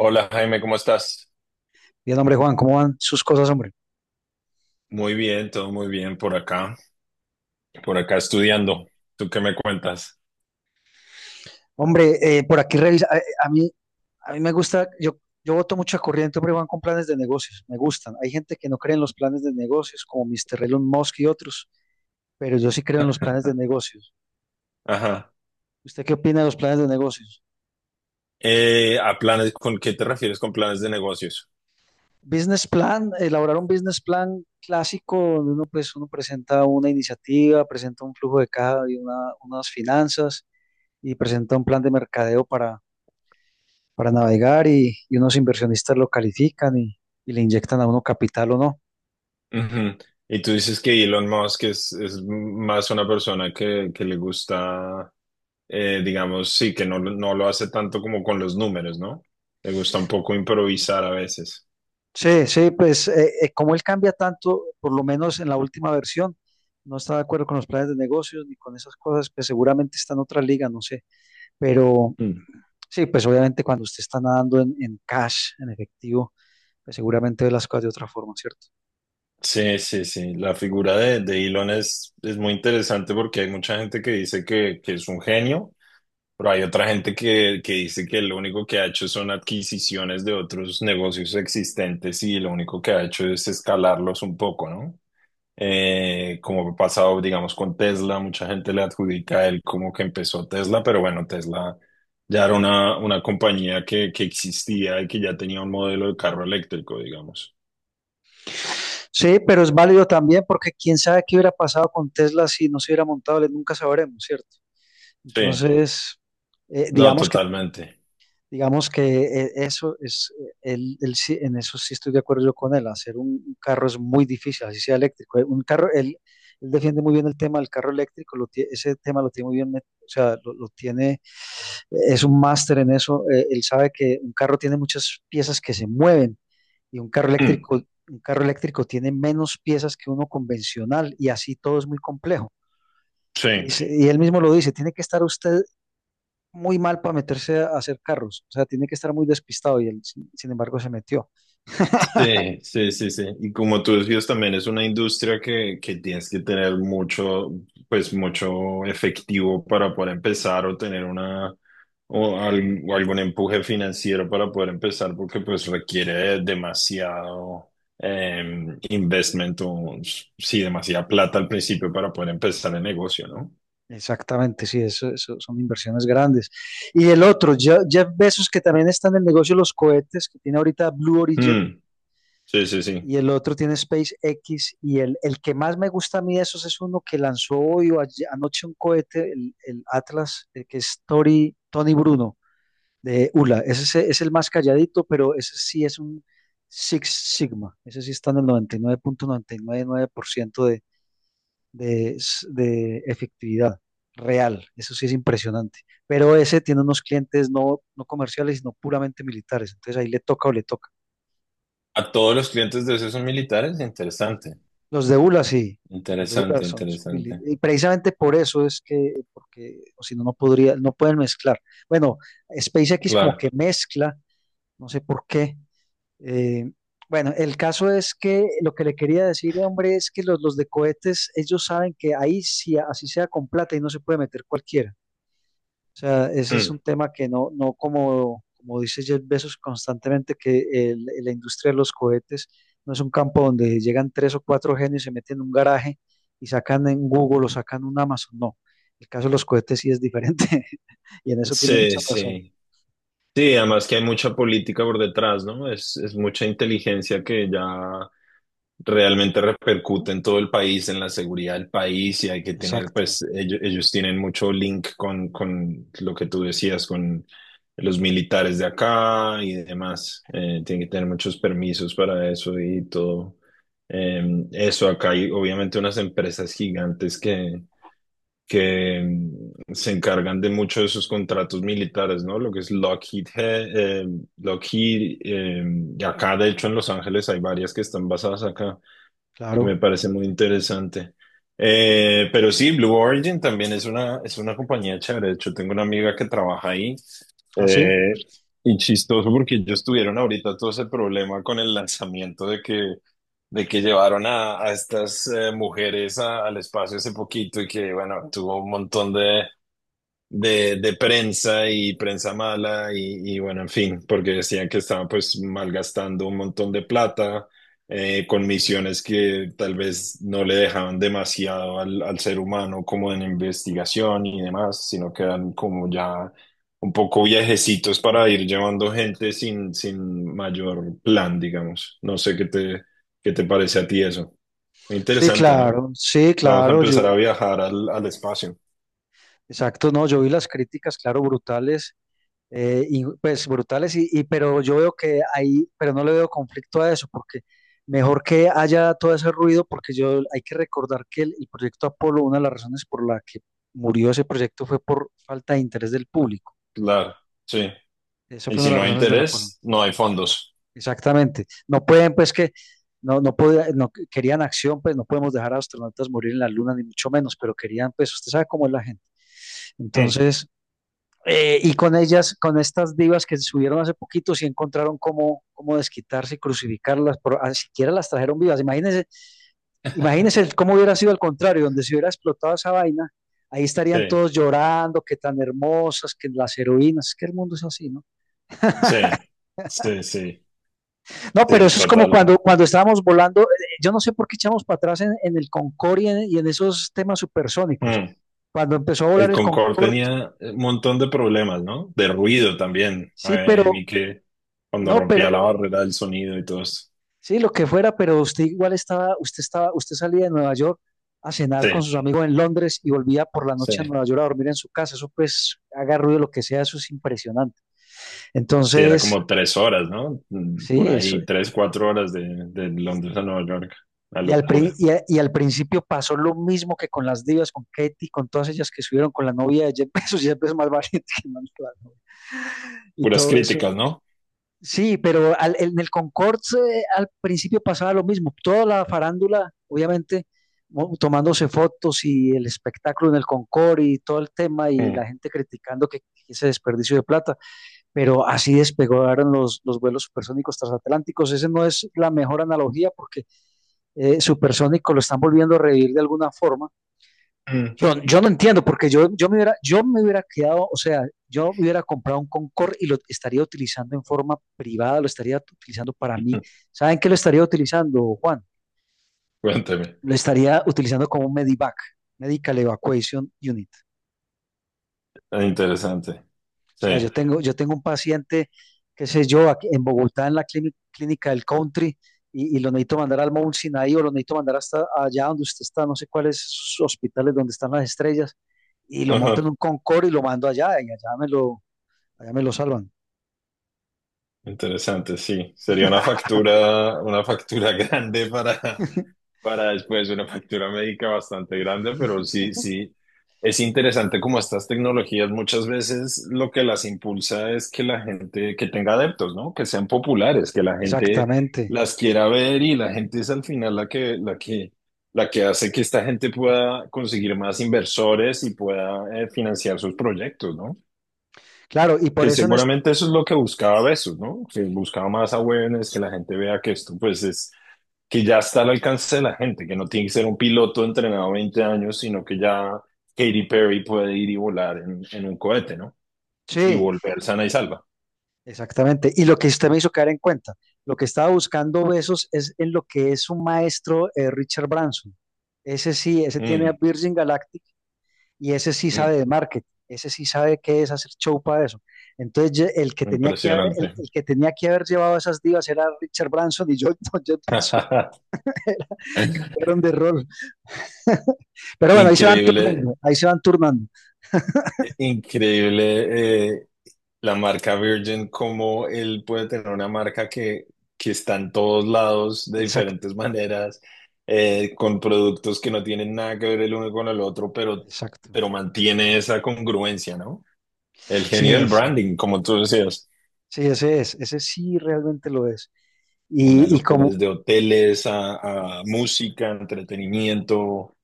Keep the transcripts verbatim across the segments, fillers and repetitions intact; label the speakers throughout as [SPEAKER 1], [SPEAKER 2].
[SPEAKER 1] Hola Jaime, ¿cómo estás?
[SPEAKER 2] Bien, hombre, Juan, ¿cómo van sus cosas, hombre?
[SPEAKER 1] Muy bien, todo muy bien por acá, por acá estudiando. ¿Tú qué me cuentas?
[SPEAKER 2] Hombre, eh, por aquí revisa, a, a mí, a mí me gusta, yo, yo voto mucha corriente, hombre, Juan, con planes de negocios, me gustan. Hay gente que no cree en los planes de negocios, como mister Elon Musk y otros, pero yo sí creo en los planes de negocios.
[SPEAKER 1] Ajá.
[SPEAKER 2] ¿Usted qué opina de los planes de negocios?
[SPEAKER 1] Eh, a planes, ¿con qué te refieres con planes de negocios?
[SPEAKER 2] Business plan, elaborar un business plan clásico, donde uno, pues, uno presenta una iniciativa, presenta un flujo de caja y una- unas finanzas y presenta un plan de mercadeo para, para navegar y, y unos inversionistas lo califican y, y le inyectan a uno capital o no.
[SPEAKER 1] Ujú. Y tú dices que Elon Musk es, es más una persona que, que le gusta, eh, digamos, sí, que no, lo- no lo hace tanto como con los números, ¿no? Le gusta un poco improvisar a veces.
[SPEAKER 2] Sí, sí, pues eh, eh, como él cambia tanto, por lo menos en la última versión, no está de acuerdo con los planes de negocios ni con esas cosas, pues seguramente está en otra liga, no sé. Pero
[SPEAKER 1] Mm.
[SPEAKER 2] sí, pues obviamente cuando usted está nadando en, en cash, en efectivo, pues seguramente ve las cosas de otra forma, ¿cierto?
[SPEAKER 1] Sí, sí, sí. La figura de, de Elon es, es muy interesante porque hay mucha gente que dice que, que es un genio. Pero hay otra gente que, que dice que lo único que ha hecho son adquisiciones de otros negocios existentes, y lo único que ha hecho es escalarlos un poco, ¿no? Eh, como ha pasado, digamos, con Tesla, mucha gente le adjudica a él como que empezó Tesla, pero bueno, Tesla ya era una, una compañía que, que existía y que ya tenía un modelo de carro eléctrico, digamos.
[SPEAKER 2] Sí, pero es válido también porque quién sabe qué hubiera pasado con Tesla si no se hubiera montado, le nunca sabremos, ¿cierto?
[SPEAKER 1] Sí,
[SPEAKER 2] Entonces, eh,
[SPEAKER 1] no,
[SPEAKER 2] digamos que
[SPEAKER 1] totalmente.
[SPEAKER 2] Digamos que eh, eso es, eh, él- él sí- en eso sí estoy de acuerdo yo con él, hacer un, un carro es muy difícil, así sea eléctrico. Eh, Un carro, él, él defiende muy bien el tema del carro eléctrico, lo tie- ese tema lo tiene muy bien, met- o sea, lo, lo tiene, eh, es un máster en eso, eh, él sabe que un carro tiene muchas piezas que se mueven y un carro eléctrico, un carro eléctrico tiene menos piezas que uno convencional y así todo es muy complejo. Y,
[SPEAKER 1] Sí,
[SPEAKER 2] se- y él mismo lo dice, tiene que estar usted muy mal para meterse a hacer carros, o sea, tiene que estar muy despistado y él, sin, sin embargo, se metió.
[SPEAKER 1] sí, sí, sí, sí. Y como tú decías, también es una industria que, que tienes que tener mucho, pues mucho efectivo para poder empezar o tener una o, al- o algún empuje financiero para poder empezar, porque pues requiere demasiado em, investment o sí, demasiada plata al principio para poder empezar el negocio, ¿no?
[SPEAKER 2] Exactamente, sí, eso, eso son inversiones grandes. Y el otro, Je- Jeff Bezos, que también está en el negocio de los cohetes, que tiene ahorita Blue Origin,
[SPEAKER 1] Mm, sí, sí, sí.
[SPEAKER 2] y el otro tiene SpaceX, y el, el que más me gusta a mí de esos es uno que lanzó hoy o ayer- anoche un cohete, el, el Atlas, el que es Tori- Tony Bruno de ULA. Ese es, es el más calladito, pero ese sí es un Six Sigma. Ese sí está en el noventa noventa y y nueve nueve punto noventa y nueve por ciento de, de, s- de efectividad real. Eso sí es impresionante. Pero ese tiene unos clientes no, no comerciales, sino puramente militares. Entonces ahí le toca o le toca.
[SPEAKER 1] A todos los clientes de esos son militares, interesante,
[SPEAKER 2] Los de U L A sí. Los de U L A
[SPEAKER 1] interesante,
[SPEAKER 2] son, son mili-.
[SPEAKER 1] interesante.
[SPEAKER 2] Y precisamente por eso es que, porque, o si no, no podría, no pueden mezclar. Bueno, SpaceX como
[SPEAKER 1] Claro.
[SPEAKER 2] que mezcla, no sé por qué. Eh, bueno, el caso es que lo que le quería decir, hombre, es que los, los de cohetes, ellos saben que ahí sí, así sea con plata y no se puede meter cualquiera. O sea, ese es
[SPEAKER 1] Mm.
[SPEAKER 2] un tema que no, no como, como dice Jeff Bezos constantemente, que el- la industria de los cohetes no es un campo donde llegan tres o cuatro genios, se meten en un garaje y sacan en Google o sacan un Amazon. No, el caso de los cohetes sí es diferente y en eso tiene
[SPEAKER 1] Sí,
[SPEAKER 2] mucha razón.
[SPEAKER 1] sí. Sí, además que hay mucha política por detrás, ¿no? Es, es mucha inteligencia que ya realmente repercute en todo el país, en la seguridad del país, y hay que tener,
[SPEAKER 2] Exacto,
[SPEAKER 1] pues, ellos, ellos tienen mucho link con, con lo que tú decías, con los militares de acá y demás. Eh, tienen que tener muchos permisos para eso y todo. Eh, eso, acá hay obviamente unas empresas gigantes que que mm, se encargan de muchos de esos contratos militares, ¿no? Lo que es Lockheed, eh, Lockheed, eh, y acá de hecho en Los Ángeles hay varias que están basadas acá. Me
[SPEAKER 2] claro.
[SPEAKER 1] parece muy interesante. Eh, pero sí, Blue Origin también es una, es una compañía chévere. De hecho, tengo una amiga que trabaja ahí.
[SPEAKER 2] ¿Ah, sí?
[SPEAKER 1] Eh, y chistoso porque ellos tuvieron ahorita todo ese problema con el lanzamiento de que, de que llevaron a, a estas eh, mujeres a- al espacio hace poquito y que, bueno, tuvo un montón de, de, de prensa y prensa mala y, y bueno, en fin, porque decían que estaban pues malgastando un montón de plata eh, con misiones que tal vez no le dejaban demasiado al, al ser humano como en investigación y demás, sino que eran como ya un poco viajecitos para ir llevando gente sin, sin mayor plan, digamos. No sé qué te, qué te parece a ti eso.
[SPEAKER 2] Sí,
[SPEAKER 1] Interesante, ¿no?
[SPEAKER 2] claro, sí,
[SPEAKER 1] Vamos a
[SPEAKER 2] claro.
[SPEAKER 1] empezar
[SPEAKER 2] Yo,
[SPEAKER 1] a viajar al, al espacio.
[SPEAKER 2] Exacto, no, yo vi las críticas, claro, brutales, eh, y, pues brutales, y, y- pero yo veo que ahí, pero no le veo conflicto a eso, porque mejor que haya todo ese ruido, porque yo hay que recordar que el, el proyecto Apolo, una de las razones por la que murió ese proyecto fue por falta de interés del público.
[SPEAKER 1] Claro, sí.
[SPEAKER 2] Esa
[SPEAKER 1] Y
[SPEAKER 2] fue una
[SPEAKER 1] si
[SPEAKER 2] de
[SPEAKER 1] no
[SPEAKER 2] las
[SPEAKER 1] hay
[SPEAKER 2] razones del Apolo.
[SPEAKER 1] interés, no hay fondos.
[SPEAKER 2] Exactamente. No pueden, pues que, no, no podía- no que- querían acción, pues no podemos dejar a astronautas morir en la luna, ni mucho menos, pero querían, pues, usted sabe cómo es la gente.
[SPEAKER 1] Mm,
[SPEAKER 2] Entonces… Eh, y con ellas, con estas divas que se subieron hace poquito, sí encontraron cómo, cómo desquitarse y crucificarlas, pero ni siquiera las trajeron vivas. Imagínense, imagínense cómo hubiera sido al contrario, donde se hubiera explotado esa vaina, ahí
[SPEAKER 1] sí,
[SPEAKER 2] estarían todos llorando, que tan hermosas, que las heroínas, que el mundo es así, ¿no?
[SPEAKER 1] sí, sí, sí,
[SPEAKER 2] No, pero
[SPEAKER 1] sí,
[SPEAKER 2] eso es como
[SPEAKER 1] total.
[SPEAKER 2] cuando, cuando estábamos volando, eh, yo no sé por qué echamos para atrás en, en el Concorde y en, y en, esos temas supersónicos.
[SPEAKER 1] Mm.
[SPEAKER 2] Cuando empezó a volar
[SPEAKER 1] El
[SPEAKER 2] el
[SPEAKER 1] Concorde
[SPEAKER 2] Concorde,
[SPEAKER 1] tenía un montón de problemas, ¿no? De
[SPEAKER 2] sí,
[SPEAKER 1] ruido también.
[SPEAKER 2] sí,
[SPEAKER 1] Eh,
[SPEAKER 2] pero,
[SPEAKER 1] vi que cuando
[SPEAKER 2] no,
[SPEAKER 1] rompía la
[SPEAKER 2] pero
[SPEAKER 1] barrera del sonido y todo esto.
[SPEAKER 2] sí, lo que fuera, pero usted igual estaba, usted estaba, usted salía de Nueva York a cenar
[SPEAKER 1] Sí,
[SPEAKER 2] con sus amigos en Londres y volvía por la
[SPEAKER 1] sí.
[SPEAKER 2] noche a Nueva York a dormir en su casa. Eso pues haga ruido lo que sea, eso es impresionante.
[SPEAKER 1] Sí, era
[SPEAKER 2] Entonces,
[SPEAKER 1] como tres horas, ¿no? Mm,
[SPEAKER 2] sí,
[SPEAKER 1] por
[SPEAKER 2] eso.
[SPEAKER 1] ahí, tres, cuatro horas de, de
[SPEAKER 2] Y,
[SPEAKER 1] Londres a Nueva York. La
[SPEAKER 2] y al, pri-
[SPEAKER 1] locura.
[SPEAKER 2] y a- y al principio pasó lo mismo que con las divas, con Katy, con todas ellas que subieron con la novia de Jeff Bezos, Jeff Bezos más valiente que Manuel Barro, y
[SPEAKER 1] Puras
[SPEAKER 2] todo eso.
[SPEAKER 1] críticas, ¿no?
[SPEAKER 2] Sí, pero al- en el Concord eh, al principio pasaba lo mismo. Toda la farándula, obviamente, mo- tomándose fotos y el espectáculo en el Concord y todo el tema y
[SPEAKER 1] Mm.
[SPEAKER 2] la gente criticando que, que ese desperdicio de plata. Pero así despegaron los, los vuelos supersónicos transatlánticos. Ese no es la mejor analogía porque eh, supersónico lo están volviendo a revivir de alguna forma.
[SPEAKER 1] Mm.
[SPEAKER 2] Yo, yo no entiendo, porque yo, yo, me hubiera, yo me hubiera quedado, o sea, yo hubiera comprado un Concord y lo estaría utilizando en forma privada, lo estaría utilizando para mí. ¿Saben qué lo estaría utilizando, Juan?
[SPEAKER 1] Cuénteme.
[SPEAKER 2] Lo estaría utilizando como un Medivac, Medical Evacuation Unit.
[SPEAKER 1] Interesante.
[SPEAKER 2] O
[SPEAKER 1] Sí.
[SPEAKER 2] sea, yo tengo, yo tengo un paciente, qué sé yo, aquí en Bogotá, en la clínica, Clínica del Country, y, y, lo necesito mandar al Mount Sinai o lo necesito mandar hasta allá donde usted está, no sé cuáles hospitales donde están las estrellas, y lo monto en
[SPEAKER 1] Ajá.
[SPEAKER 2] un Concord y lo mando allá, y allá me lo allá me lo salvan.
[SPEAKER 1] Interesante, sí. Sería una factura, una factura grande para, para después, una factura médica bastante grande, pero sí, sí. Es interesante como estas tecnologías muchas veces lo que las impulsa es que la gente, que tenga adeptos, ¿no? Que sean populares, que la gente
[SPEAKER 2] Exactamente.
[SPEAKER 1] las quiera ver y la gente es al final la que, la que, la que hace que esta gente pueda conseguir más inversores y pueda eh, financiar sus proyectos, ¿no?
[SPEAKER 2] Claro, y por
[SPEAKER 1] Que
[SPEAKER 2] eso en este…
[SPEAKER 1] seguramente eso es lo que buscaba Bezos, ¿no? Que buscaba más awareness, que la gente vea que esto, pues, es que ya está al alcance de la gente, que no tiene que ser un piloto entrenado veinte años, sino que ya Katy Perry puede ir y volar en, en un cohete, ¿no? Y
[SPEAKER 2] Sí,
[SPEAKER 1] volver sana y salva.
[SPEAKER 2] exactamente. Y lo que usted me hizo caer en cuenta, lo que estaba buscando Besos es en lo que es un maestro, eh, Richard Branson. Ese sí, ese tiene a
[SPEAKER 1] Mm,
[SPEAKER 2] Virgin Galactic y ese sí
[SPEAKER 1] mm,
[SPEAKER 2] sabe de marketing, ese sí sabe qué es hacer show para eso. Entonces ye- el que tenía que haber, el,
[SPEAKER 1] impresionante.
[SPEAKER 2] el que tenía que haber llevado a esas divas era Richard Branson y yo, no, yo Bezos, fueron de rol. Pero bueno, ahí se van
[SPEAKER 1] Increíble,
[SPEAKER 2] turnando, ahí se van turnando.
[SPEAKER 1] increíble eh, La marca Virgin, cómo él puede tener una marca que, que está en todos lados de
[SPEAKER 2] Exacto.
[SPEAKER 1] diferentes maneras, eh, con productos que no tienen nada que ver el uno con el otro, pero,
[SPEAKER 2] Exacto.
[SPEAKER 1] pero mantiene esa congruencia, ¿no? El
[SPEAKER 2] Sí
[SPEAKER 1] genio del
[SPEAKER 2] es,
[SPEAKER 1] branding, como tú decías,
[SPEAKER 2] sí, ese es, ese sí realmente lo es.
[SPEAKER 1] una
[SPEAKER 2] Y, y
[SPEAKER 1] locura,
[SPEAKER 2] como,
[SPEAKER 1] desde hoteles a, a música, entretenimiento,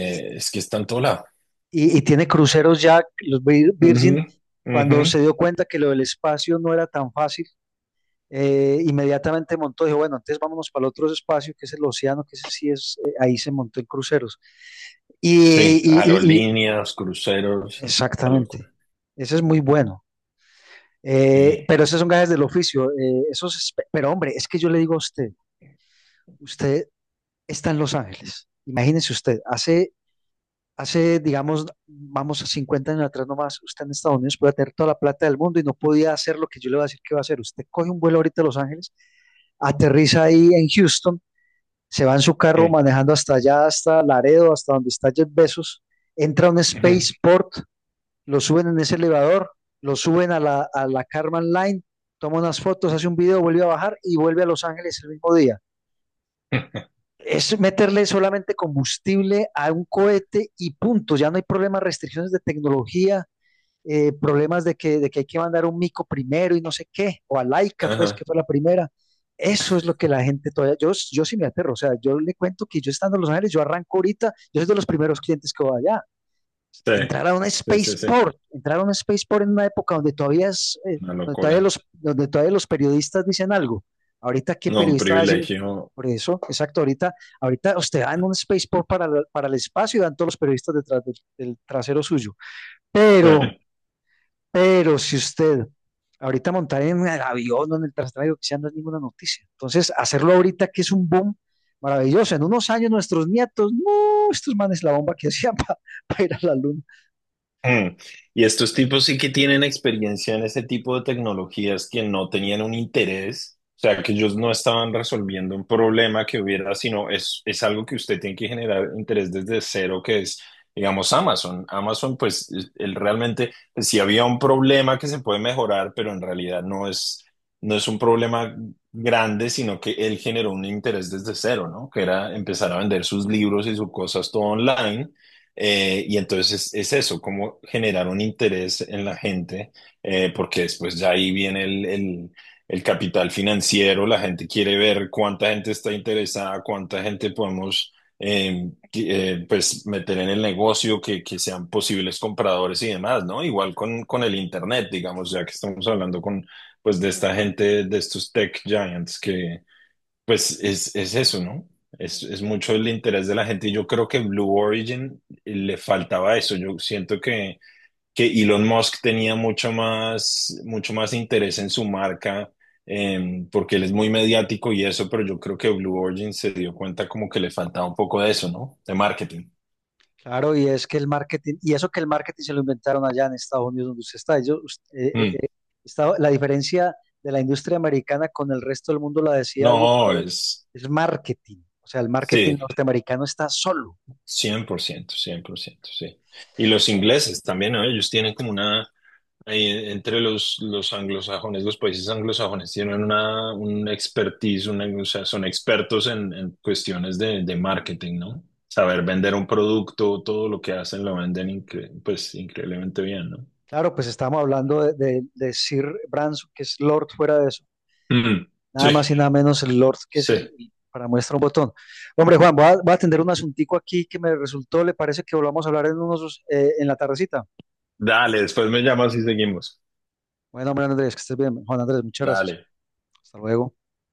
[SPEAKER 2] y,
[SPEAKER 1] es que está en todo lado.
[SPEAKER 2] y- y tiene cruceros ya, los Vir-
[SPEAKER 1] Ujú,
[SPEAKER 2] Virgin,
[SPEAKER 1] ujú.
[SPEAKER 2] cuando se dio cuenta que lo del espacio no era tan fácil, eh, inmediatamente montó, dijo, bueno, entonces vámonos para el otro espacio, que es el océano, que ese sí es, eh, ahí se montó en cruceros. Y,
[SPEAKER 1] Sí,
[SPEAKER 2] y- y- y-
[SPEAKER 1] aerolíneas, cruceros, la
[SPEAKER 2] Exactamente,
[SPEAKER 1] locura.
[SPEAKER 2] ese es muy bueno. Eh,
[SPEAKER 1] Sí.
[SPEAKER 2] pero esos son gajes del oficio, eh, esos, espe- pero hombre, es que yo le digo a usted, usted está en Los Ángeles, imagínese usted. Hace Hace, digamos, vamos a cincuenta años atrás nomás, usted en Estados Unidos podía tener toda la plata del mundo y no podía hacer lo que yo le voy a decir que va a hacer. Usted coge un vuelo ahorita a Los Ángeles, aterriza ahí en Houston, se va en su carro
[SPEAKER 1] Sí,
[SPEAKER 2] manejando hasta allá, hasta Laredo, hasta donde está Jeff Bezos, entra a un
[SPEAKER 1] ujú.
[SPEAKER 2] spaceport, lo suben en ese elevador, lo suben a la, a la Karman Line, toma unas fotos, hace un video, vuelve a bajar y vuelve a Los Ángeles el mismo día, es meterle solamente combustible a un cohete y punto. Ya no hay problemas, restricciones de tecnología, eh, problemas de que, de que hay que mandar un mico primero y no sé qué, o a Laika, pues, que
[SPEAKER 1] Ajá.
[SPEAKER 2] fue la primera. Eso es lo que la gente todavía, yo, yo sí me aterro, o sea, yo le cuento que yo estando en Los Ángeles, yo arranco ahorita, yo soy de los primeros clientes que voy allá,
[SPEAKER 1] Sí,
[SPEAKER 2] entrar a un
[SPEAKER 1] sí, sí, sí,
[SPEAKER 2] spaceport, entrar a un spaceport en una época donde todavía es, eh,
[SPEAKER 1] una
[SPEAKER 2] donde todavía
[SPEAKER 1] locura.
[SPEAKER 2] los, donde todavía los periodistas dicen algo. Ahorita, ¿qué
[SPEAKER 1] No, un
[SPEAKER 2] periodista va a decir?
[SPEAKER 1] privilegio.
[SPEAKER 2] Por eso, exacto, ahorita, ahorita usted va en un spaceport para, la- para el espacio y van todos los periodistas detrás del, del trasero suyo.
[SPEAKER 1] Sí.
[SPEAKER 2] Pero, pero si usted ahorita montar en el avión o en el traslado que sea, no es ninguna noticia. Entonces, hacerlo ahorita que es un boom maravilloso. En unos años nuestros nietos, no, estos manes la bomba que hacían para ir a la luna.
[SPEAKER 1] Mm. Y estos tipos sí que tienen experiencia en ese tipo de tecnologías que no tenían un interés, o sea, que ellos no estaban resolviendo un problema que hubiera, sino es, es algo que usted tiene que generar interés desde cero, que es, digamos, Amazon. Amazon, pues, él realmente, si había un problema que se puede mejorar, pero en realidad no es, no es un problema grande, sino que él generó un interés desde cero, ¿no? Que era empezar a vender sus libros y sus cosas todo online, eh, y entonces es eso, cómo generar un interés en la gente, eh, porque después ya ahí viene el, el, el capital financiero, la gente quiere ver cuánta gente está interesada, cuánta gente podemos eh, que- eh, pues meter en el negocio, que, que sean posibles compradores y demás, ¿no? Igual con, con el internet, digamos, ya que estamos hablando con, pues, de esta gente, de estos tech giants que pues es, es eso, ¿no? Es, es mucho el interés de la gente y yo creo que Blue Origin le faltaba eso. Yo siento que, que Elon Musk tenía mucho más, mucho más interés en su marca eh, porque él es muy mediático y eso, pero yo creo que Blue Origin se dio cuenta como que le faltaba un poco de eso, ¿no? De marketing.
[SPEAKER 2] Claro, y es que el marketing, y eso que el marketing se lo inventaron allá en Estados Unidos donde usted está. Ellos, us- eh, eh,
[SPEAKER 1] Mm.
[SPEAKER 2] eh, está- la diferencia de la industria americana con el resto del mundo la decía alguien
[SPEAKER 1] No,
[SPEAKER 2] por ahí,
[SPEAKER 1] es,
[SPEAKER 2] es marketing. O sea, el marketing
[SPEAKER 1] sí, cien,
[SPEAKER 2] norteamericano está solo.
[SPEAKER 1] cien por ciento, cien por ciento, sí. Y los ingleses también, ¿no? Ellos tienen como una Ahí en- entre los, los anglosajones, los países anglosajones tienen una, un expertise, una, o sea, son expertos en, en cuestiones de, de marketing, ¿no? Saber vender un producto, todo lo que hacen lo venden incre- pues increíblemente bien, ¿no?
[SPEAKER 2] Claro, pues estamos hablando de, de- de Sir Branson, que es Lord fuera de eso.
[SPEAKER 1] Mm,
[SPEAKER 2] Nada
[SPEAKER 1] sí,
[SPEAKER 2] más y nada menos el Lord, que es el,
[SPEAKER 1] sí.
[SPEAKER 2] el- para muestra un botón. Hombre, Juan, voy a, voy a atender un asuntico aquí que me resultó, le parece que volvamos a hablar en unos, eh, en la tardecita.
[SPEAKER 1] Dale, después me llamas y seguimos.
[SPEAKER 2] Bueno, hombre, Andrés, que estés bien. Juan Andrés, muchas
[SPEAKER 1] Dale.
[SPEAKER 2] gracias. Hasta luego.